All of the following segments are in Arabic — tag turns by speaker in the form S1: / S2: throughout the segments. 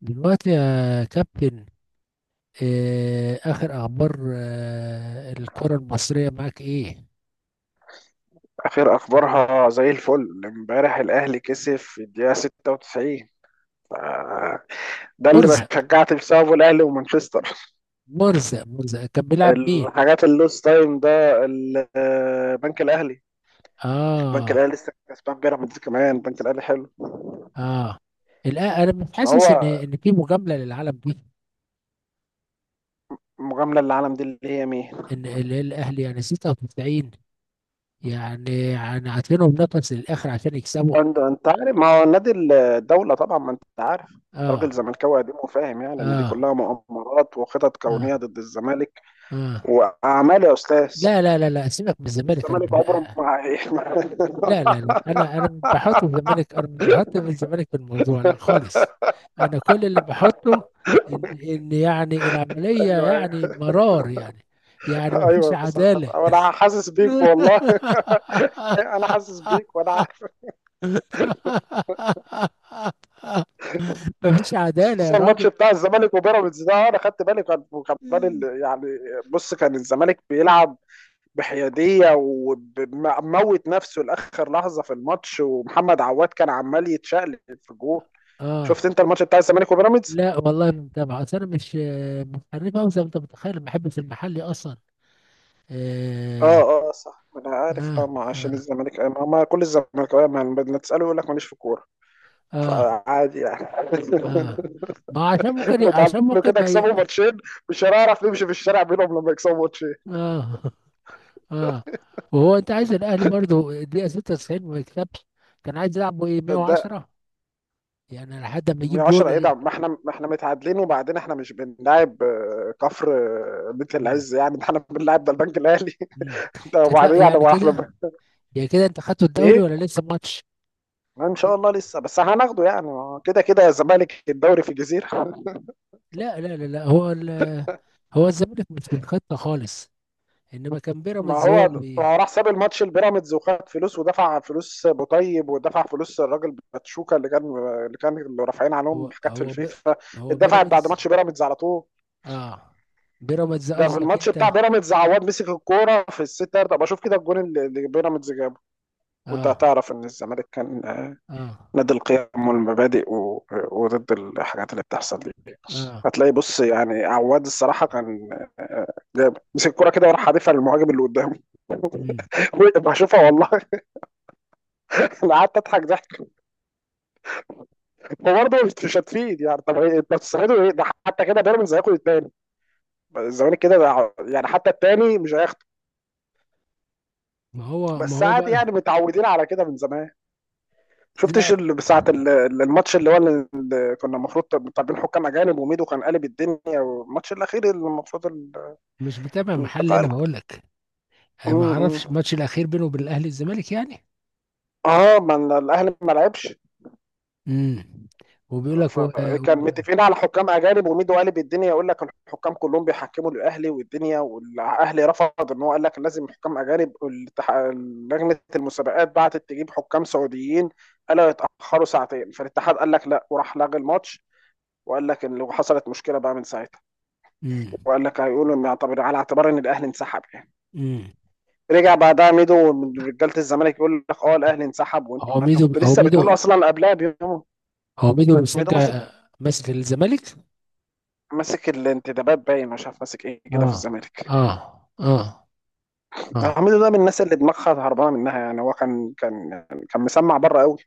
S1: دلوقتي يا كابتن. آخر أخبار الكرة المصرية معاك إيه؟
S2: اخر اخبارها زي الفل. امبارح الاهلي كسب في الدقيقه 96. آه، ده اللي
S1: مرزق.
S2: بشجعت بسببه الاهلي ومانشستر.
S1: مرزق كان بيلعب مين؟
S2: الحاجات اللوس تايم ده بنك الاهلي. البنك الاهلي
S1: آه.
S2: لسه كسبان بيراميدز، كمان البنك الاهلي حلو.
S1: آه. أنا مش
S2: ما
S1: حاسس إن
S2: هو
S1: إن في مجاملة للعالم دي.
S2: المجامله اللي العالم دي اللي هي مين؟
S1: الأهلي يعني 96. يعني عاطينهم نقص للآخر عشان يكسبوا.
S2: انت عارف، ما هو نادي الدوله طبعا، ما انت عارف. راجل
S1: آه.
S2: زملكاوي قديم وفاهم، يعني ان دي
S1: آه.
S2: كلها مؤامرات وخطط
S1: آه.
S2: كونيه ضد الزمالك
S1: آه.
S2: واعمال يا استاذ.
S1: لا، لا، لا، لا، سيبك من الزمالك
S2: الزمالك عمره
S1: أنا.
S2: ما
S1: لا، لا، لا، انا مش بحط الزمالك، انا مش بحط الزمالك في الموضوع، لا خالص. انا كل اللي بحطه ان يعني العمليه
S2: ايوه
S1: يعني
S2: ايوه.
S1: مرار يعني. يعني ما فيش
S2: ايوه صح
S1: عداله.
S2: صح، وانا حاسس بيك والله. انا حاسس بيك وانا عارف.
S1: ما فيش عداله يا
S2: خصوصا
S1: راجل.
S2: الماتش بتاع الزمالك وبيراميدز ده، انا خدت بالي، كان وكمان يعني بص، كان الزمالك بيلعب بحياديه وموت نفسه لاخر لحظه في الماتش، ومحمد عواد كان عمال يتشقلب في الجول. شفت
S1: اه.
S2: انت الماتش بتاع الزمالك وبيراميدز؟
S1: لا والله، ما متابع، اصل انا مش حريف أوي زي ما انت متخيل، ما بحبش المحلي اصلا.
S2: اه
S1: آه.
S2: اه، صح انا عارف. اه
S1: آه.
S2: ما عشان
S1: آه.
S2: الزمالك، ما كل الزمالك، ما تساله يقول لك ماليش في الكوره.
S1: آه.
S2: فعادي يعني.
S1: اه، ما عشان ممكن
S2: اتعلموا
S1: عشان ممكن
S2: كده
S1: ما ي...
S2: يكسبوا ماتشين، مش هنعرف نمشي في الشارع بينهم لما يكسبوا ماتشين.
S1: اه. اه. وهو انت عايز الاهلي برضو الدقيقه 96 ما يكسبش؟ كان عايز يلعبه ايه،
S2: ده
S1: 110؟ يعني لحد ما
S2: من
S1: يجيب
S2: 10 ايه ده؟
S1: جون.
S2: ما احنا، ما احنا متعادلين، وبعدين احنا مش بنلاعب كفر، بيت
S1: مم.
S2: العز يعني، ده احنا بنلاعب ده البنك الاهلي.
S1: مم.
S2: ده وبعدين يعني
S1: يعني
S2: ما احنا
S1: كده، يعني كده انت خدتوا الدوري
S2: ايه.
S1: ولا لسه ماتش؟
S2: ما ان شاء الله لسه، بس هناخده يعني، ما هو كده كده يا الزمالك الدوري في الجزيره.
S1: لا، لا، لا، لا، هو هو الزمالك مش في الخطه خالص. انما كان
S2: ما
S1: بيراميدز
S2: هو
S1: هو اللي
S2: ما هو راح ساب الماتش البيراميدز، وخد فلوس، ودفع فلوس بوطيب، ودفع فلوس الراجل باتشوكا اللي كان، اللي رافعين عليهم
S1: هو
S2: حاجات في
S1: هو ب...
S2: الفيفا.
S1: هو
S2: اتدفعت بعد
S1: بيراميدز.
S2: ماتش بيراميدز على طول.
S1: اه، بيراميدز
S2: ده في
S1: قصدك
S2: الماتش بتاع
S1: انت؟
S2: بيراميدز عواد مسك الكوره في الست يارده، بشوف كده الجون اللي بيراميدز جابه. وانت
S1: اه.
S2: هتعرف ان الزمالك كان،
S1: اه.
S2: نادي القيم والمبادئ وضد الحاجات اللي بتحصل دي.
S1: اه.
S2: هتلاقي، بص يعني عواد الصراحه كان، جاب مسك الكوره كده وراح حادفها للمهاجم اللي قدامه. بشوفها والله. انا قعدت اضحك ضحك. وبرضه مش هتفيد يعني، طب انت بتستفيدوا ايه؟ ده حتى كده بيراميدز هياخد التاني، الزمالك كده يعني حتى التاني مش هياخده.
S1: ما هو ما
S2: بس
S1: هو
S2: عادي
S1: بقى.
S2: يعني، متعودين على كده من زمان. شفتش
S1: لا،
S2: اللي ساعة الماتش اللي هو اللي كنا المفروض طالبين حكام أجانب، وميدو كان قالب الدنيا، والماتش الأخير اللي المفروض
S1: مش متابع محل،
S2: اللقاء
S1: انا
S2: ال-
S1: بقول لك.
S2: م-
S1: أنا ما اعرفش
S2: م.
S1: الماتش الاخير بينه وبين الاهلي الزمالك يعني.
S2: اه ما الأهلي ما لعبش.
S1: امم. وبيقول لك
S2: فكان
S1: و...
S2: متفقين على حكام اجانب، وميدو قالب الدنيا يقول لك الحكام كلهم بيحكموا الاهلي والدنيا، والاهلي رفض، ان هو قال لك لازم حكام اجانب. لجنه المسابقات بعتت تجيب حكام سعوديين، قالوا يتاخروا ساعتين، فالاتحاد قال لك لا وراح لغى الماتش. وقال لك ان لو حصلت مشكله بقى من ساعتها،
S1: امم.
S2: وقال لك هيقولوا ان يعتبر على اعتبار ان الاهلي انسحب يعني.
S1: امم.
S2: رجع بعدها ميدو من رجاله الزمالك يقول لك اه الاهلي انسحب، وانت
S1: هو
S2: ما انت
S1: ميدو
S2: كنت
S1: هو
S2: لسه
S1: ميدو
S2: بتقول اصلا قبلها بيوم.
S1: هو ميدو
S2: ميدو ماسك،
S1: بيشجع، ماسك الزمالك.
S2: ماسك الانتدابات باين، مش عارف ماسك ايه كده في
S1: اه.
S2: الزمالك.
S1: اه. اه. اه.
S2: حميدو ده من الناس اللي دماغها هربانه منها يعني، هو كان كان مسمع بره قوي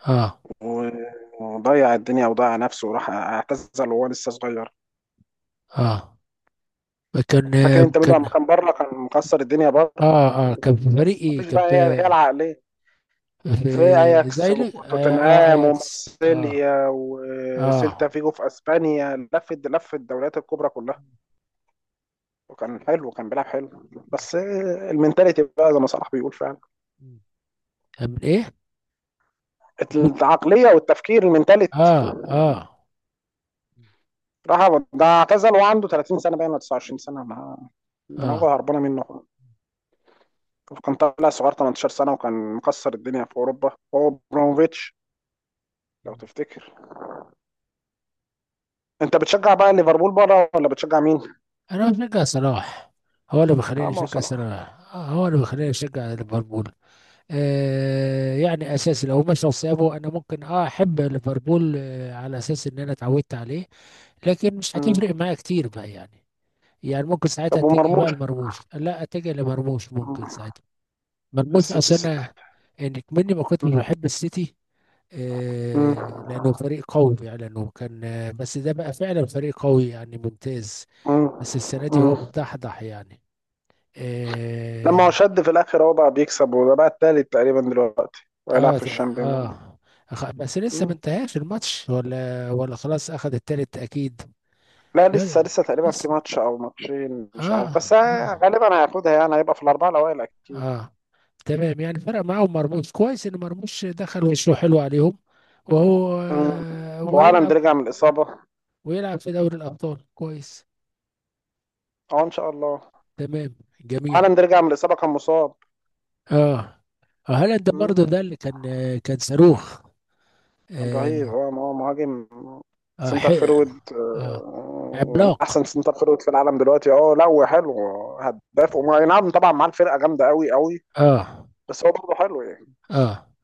S1: اه.
S2: و- وضيع الدنيا، وضيع نفسه، وراح اعتزل وهو لسه صغير.
S1: اه. كان
S2: فاكر انت ميدو لما
S1: كان.
S2: كان بره كان مكسر الدنيا بره؟
S1: اه، اه، كان في فريق
S2: بس
S1: ايه،
S2: مفيش
S1: كان
S2: بقى،
S1: في
S2: هي العقليه. في
S1: في
S2: اياكس
S1: زايلك، اه،
S2: وتوتنهام
S1: اياكس، اه.
S2: ومارسيليا وسيلتا
S1: اه،
S2: فيجو في اسبانيا، لف لف الدوريات الكبرى كلها. وكان حلو وكان بيلعب حلو، بس المنتاليتي بقى زي ما صلاح بيقول فعلا،
S1: كان من ايه؟
S2: العقليه والتفكير المنتاليتي.
S1: اه. اه.
S2: راح ده اعتزل وعنده 30 سنه باين ولا 29 سنه، ما
S1: اه.
S2: دماغه هربانه منه. كان طالع صغير 18 سنه وكان مكسر الدنيا في اوروبا، هو ابراهيموفيتش لو
S1: مم.
S2: تفتكر. انت بتشجع بقى ليفربول بره ولا بتشجع مين؟
S1: انا بشجع صلاح. هو اللي بيخليني
S2: اه ما هو
S1: اشجع
S2: صلاح.
S1: صلاح، هو اللي بيخليني اشجع ليفربول. يعني اساسي، لو مشوا سابه انا ممكن احب ليفربول، على اساس ان انا اتعودت عليه. لكن مش
S2: مم.
S1: هتفرق معايا كتير بقى يعني. يعني ممكن ساعتها
S2: طب
S1: اتجه بقى
S2: ومرموش؟
S1: لمرموش، لا، اتجه لمرموش
S2: مم.
S1: ممكن ساعتها.
S2: في
S1: مرموش،
S2: السيتي
S1: اصل
S2: السيتي.
S1: انا انك مني ما كنتش
S2: مم.
S1: بحب السيتي. آه. لانه فريق قوي يعني، لانه كان بس ده بقى فعلا فريق قوي يعني ممتاز.
S2: مم.
S1: بس السنة دي
S2: مم.
S1: هو مدحضح يعني.
S2: لما هو
S1: إيه.
S2: شد في الاخر هو بقى بيكسب، وده بقى التالت تقريبا دلوقتي، وهيلعب
S1: اه.
S2: في الشامبيون.
S1: اه. بس لسه ما
S2: مم.
S1: انتهاش الماتش، ولا خلاص اخذ التالت اكيد؟
S2: لا لسه،
S1: يلا.
S2: لسه تقريبا
S1: لسه.
S2: في ماتش او ماتشين مش عارف،
S1: اه. اه.
S2: غالبا هياخدها يعني، هيبقى في الاربعه الاوائل اكيد.
S1: اه. تمام يعني، فرق معاهم مرموش، كويس ان مرموش دخل وشه حلو عليهم. وهو
S2: مم.
S1: هو
S2: وهالاند
S1: يلعب،
S2: رجع من الاصابه.
S1: ويلعب في دوري الابطال كويس.
S2: اه ان شاء الله.
S1: تمام. جميل.
S2: هالاند رجع من الاصابه، كان مصاب.
S1: اه. هالاند
S2: مم.
S1: برضه ده اللي كان كان صاروخ.
S2: كان رهيب،
S1: اه.
S2: هو مهاجم
S1: آه, حق-
S2: سنتر فيرود،
S1: آه
S2: من
S1: عملاق.
S2: احسن سنتر فيرود في العالم دلوقتي. اه لا هو حلو، هداف أي نعم طبعا معاه الفرقه جامده قوي قوي،
S1: اه.
S2: بس هو برضه حلو يعني.
S1: اه.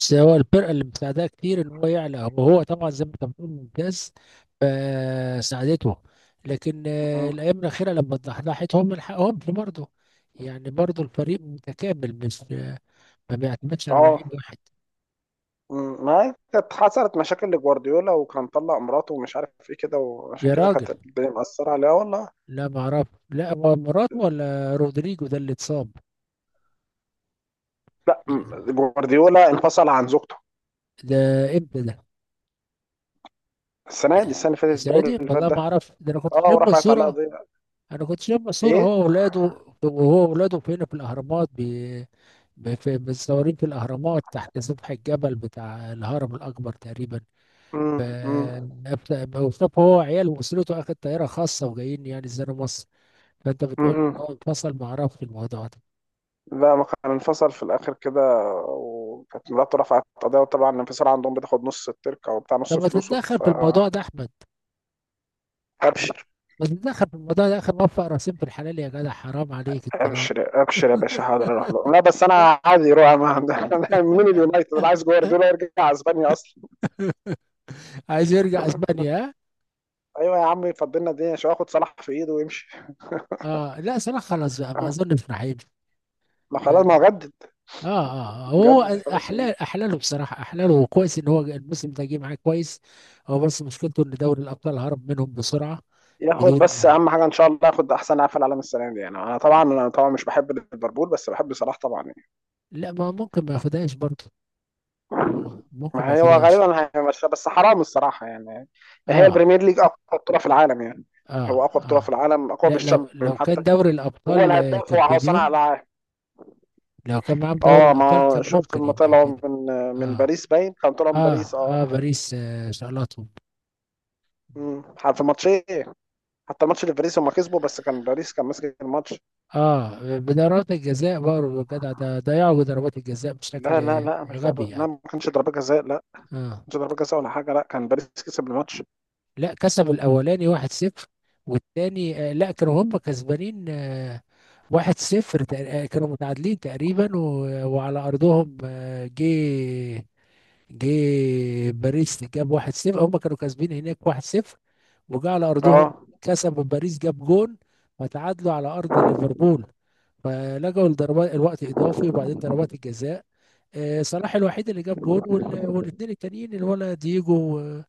S1: بس هو الفرقه اللي مساعداه كتير ان هو يعلى، وهو طبعا زي ما انت بتقول ممتاز، فساعدته. لكن
S2: مم.
S1: الايام الاخيره لما اتضحضحت هم لحقهمش برضه. يعني برضه الفريق متكامل، مش ما بيعتمدش على
S2: اه
S1: لعيب واحد.
S2: مم، ما هي كانت حصلت مشاكل لجوارديولا، وكان طلع مراته ومش عارف ايه كده، وعشان
S1: يا
S2: كده كانت
S1: راجل.
S2: الدنيا مأثرة عليها والله.
S1: لا ما اعرف، لا هو مراتو ولا رودريجو ده اللي اتصاب؟
S2: لا مم، جوارديولا انفصل عن زوجته.
S1: ده، امتى ده؟ ده،
S2: السنة دي، السنة اللي فاتت
S1: السنه دي
S2: الدوري اللي فات
S1: والله ما
S2: ده.
S1: اعرف، ده انا كنت
S2: اه
S1: شايف
S2: ورفعت عليها
S1: منصوره.
S2: قضية.
S1: انا كنت شايف صورة
S2: ايه،
S1: هو وولاده، وهو وولاده فين، في الاهرامات في، متصورين في الاهرامات تحت سفح الجبل بتاع الهرم الاكبر تقريبا.
S2: مم،
S1: ف
S2: مم،
S1: وصف هو وعياله واسرته، اخد طياره خاصه وجايين يعني زي مصر. فانت بتقول ان
S2: مم.
S1: هو انفصل، ما اعرفش الموضوع ده.
S2: لا ما كان انفصل في الآخر كده، وكانت مراته رفعت قضية. وطبعا الانفصال عندهم بتاخد نص التركة وبتاع،
S1: طب
S2: نص
S1: ما
S2: فلوسه.
S1: تتدخل
S2: ف
S1: في الموضوع ده احمد.
S2: ابشر
S1: ما تتدخل في الموضوع ده، اخر موفق راسين في الحلال، يا جدع، حرام عليك الطلاق.
S2: ابشر. ابشر يا باشا حاضر اروح له. لا بس انا عادي يروح أنا من اليونايتد، انا عايز جوارديولا يرجع اسبانيا اصلا.
S1: عايز يرجع اسبانيا، ها؟
S2: ايوه يا عم، فضلنا الدنيا شويه ياخد صلاح في ايده ويمشي.
S1: اه لا، صلاح خلاص بقى، ما اظنش راح يمشي.
S2: ما خلاص، ما
S1: يعني،
S2: هو جدد.
S1: اه، اه، وهو
S2: جدد خلاص.
S1: احلاله بصراحه، احلاله، وكويس ان هو الموسم ده جه معاه كويس. هو بس مشكلته ان دوري الابطال هرب منهم بسرعه.
S2: ياخد بس
S1: بدون.
S2: اهم حاجه ان شاء الله، ياخد احسن لاعب في العالم السنه دي يعني، انا طبعا، انا طبعا مش بحب ليفربول بس بحب صلاح طبعا يعني.
S1: لا، ما ممكن ما ياخدهاش برضه، ممكن ما
S2: ما هو
S1: ياخدهاش.
S2: غالبا هيمشي، بس حرام الصراحه يعني. هي
S1: اه.
S2: البريمير ليج اقوى بطوله في العالم يعني،
S1: اه.
S2: هو اقوى بطوله في
S1: اه.
S2: العالم، اقوى
S1: لا، لو
S2: بالشامبيون
S1: لو
S2: حتى.
S1: كان دوري
S2: هو
S1: الابطال
S2: الهداف
S1: كان
S2: هو هو
S1: في
S2: صانع
S1: يوم،
S2: العاب.
S1: لو كان معاهم دوري
S2: اه
S1: الابطال
S2: ما
S1: كان
S2: شفت
S1: ممكن
S2: لما
S1: يبقى
S2: طلعوا
S1: كده.
S2: من، من
S1: اه.
S2: باريس باين، كان طلعوا من
S1: اه.
S2: باريس،
S1: اه.
S2: اه.
S1: باريس شالتهم.
S2: أمم. في ماتشين، حتى الماتش اللي في باريس هم كسبوا، بس كان باريس كان ماسك الماتش.
S1: اه بضربات الجزاء برضه جدع، ده ضيعوا ضربات الجزاء
S2: لا لا
S1: بشكل
S2: لا مش ضربة،
S1: غبي
S2: لا
S1: يعني.
S2: ما كانش ضربة جزاء، لا ما
S1: اه
S2: كانش ضربة جزاء ولا حاجة، لا كان باريس كسب الماتش.
S1: لا، كسبوا الاولاني 1-0، والتاني لا كانوا هم كسبانين. 1-0. كانوا متعادلين تقريبا وعلى ارضهم، جه. جه. باريس جاب 1-0، هم كانوا كاسبين هناك 1-0، وجا على ارضهم
S2: اه
S1: كسبوا، باريس جاب جون، فتعادلوا على ارض ليفربول، فلجوا لضربات الوقت اضافي وبعدين ضربات الجزاء. صلاح الوحيد اللي جاب جون، والاثنين التانيين اللي هو، لا، دييجو و-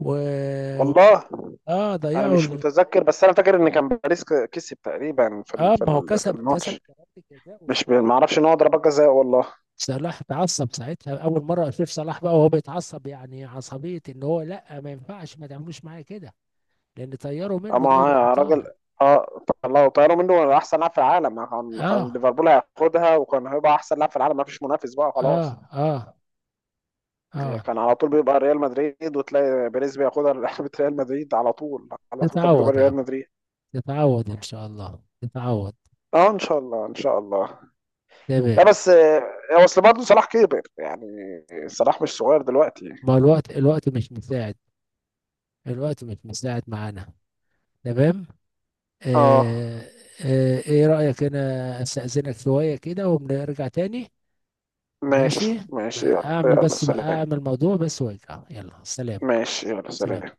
S1: و-
S2: والله
S1: اه
S2: انا
S1: ضيعوا
S2: مش متذكر، بس انا فاكر ان كان باريس كسب تقريبا في
S1: اه، ما هو
S2: في
S1: كسب
S2: الماتش.
S1: ضربة الجزاء،
S2: مش ب-
S1: وساعتها
S2: ما اعرفش ان هو ضربة جزاء والله.
S1: صلاح اتعصب ساعتها، اول مره اشوف صلاح بقى وهو بيتعصب، يعني عصبيه ان هو لا، ما ينفعش ما تعملوش معايا كده، لان طيروا منه
S2: اما
S1: دوري
S2: راجل،
S1: الابطال.
S2: اه طلعوا طيروا منه احسن لاعب في العالم، كان
S1: اه.
S2: ليفربول هياخدها وكان هيبقى احسن لاعب في العالم، ما فيش منافس بقى
S1: اه.
S2: خلاص.
S1: اه.
S2: هي
S1: اه.
S2: كان على طول بيبقى ريال مدريد، وتلاقي بيريز بياخدها. لعبة ريال مدريد، على طول على طول كانت بتبقى
S1: تتعود يا
S2: ريال
S1: عم،
S2: مدريد.
S1: تتعود ان شاء الله، تتعود.
S2: اه ان شاء الله ان شاء الله. لا
S1: تمام.
S2: بس اصل برضه صلاح كبر يعني، صلاح مش صغير دلوقتي.
S1: ما الوقت مش مساعد، الوقت مش مساعد معانا. تمام.
S2: اه
S1: آه. ايه رأيك، انا استأذنك شويه كده ونرجع تاني؟
S2: ماشي
S1: ماشي.
S2: ماشي،
S1: بقى
S2: يلا
S1: اعمل
S2: يلا
S1: بس، بقى
S2: سلام.
S1: اعمل موضوع بس وارجع، يلا سلام.
S2: ماشي يلا
S1: سلام.
S2: سلام.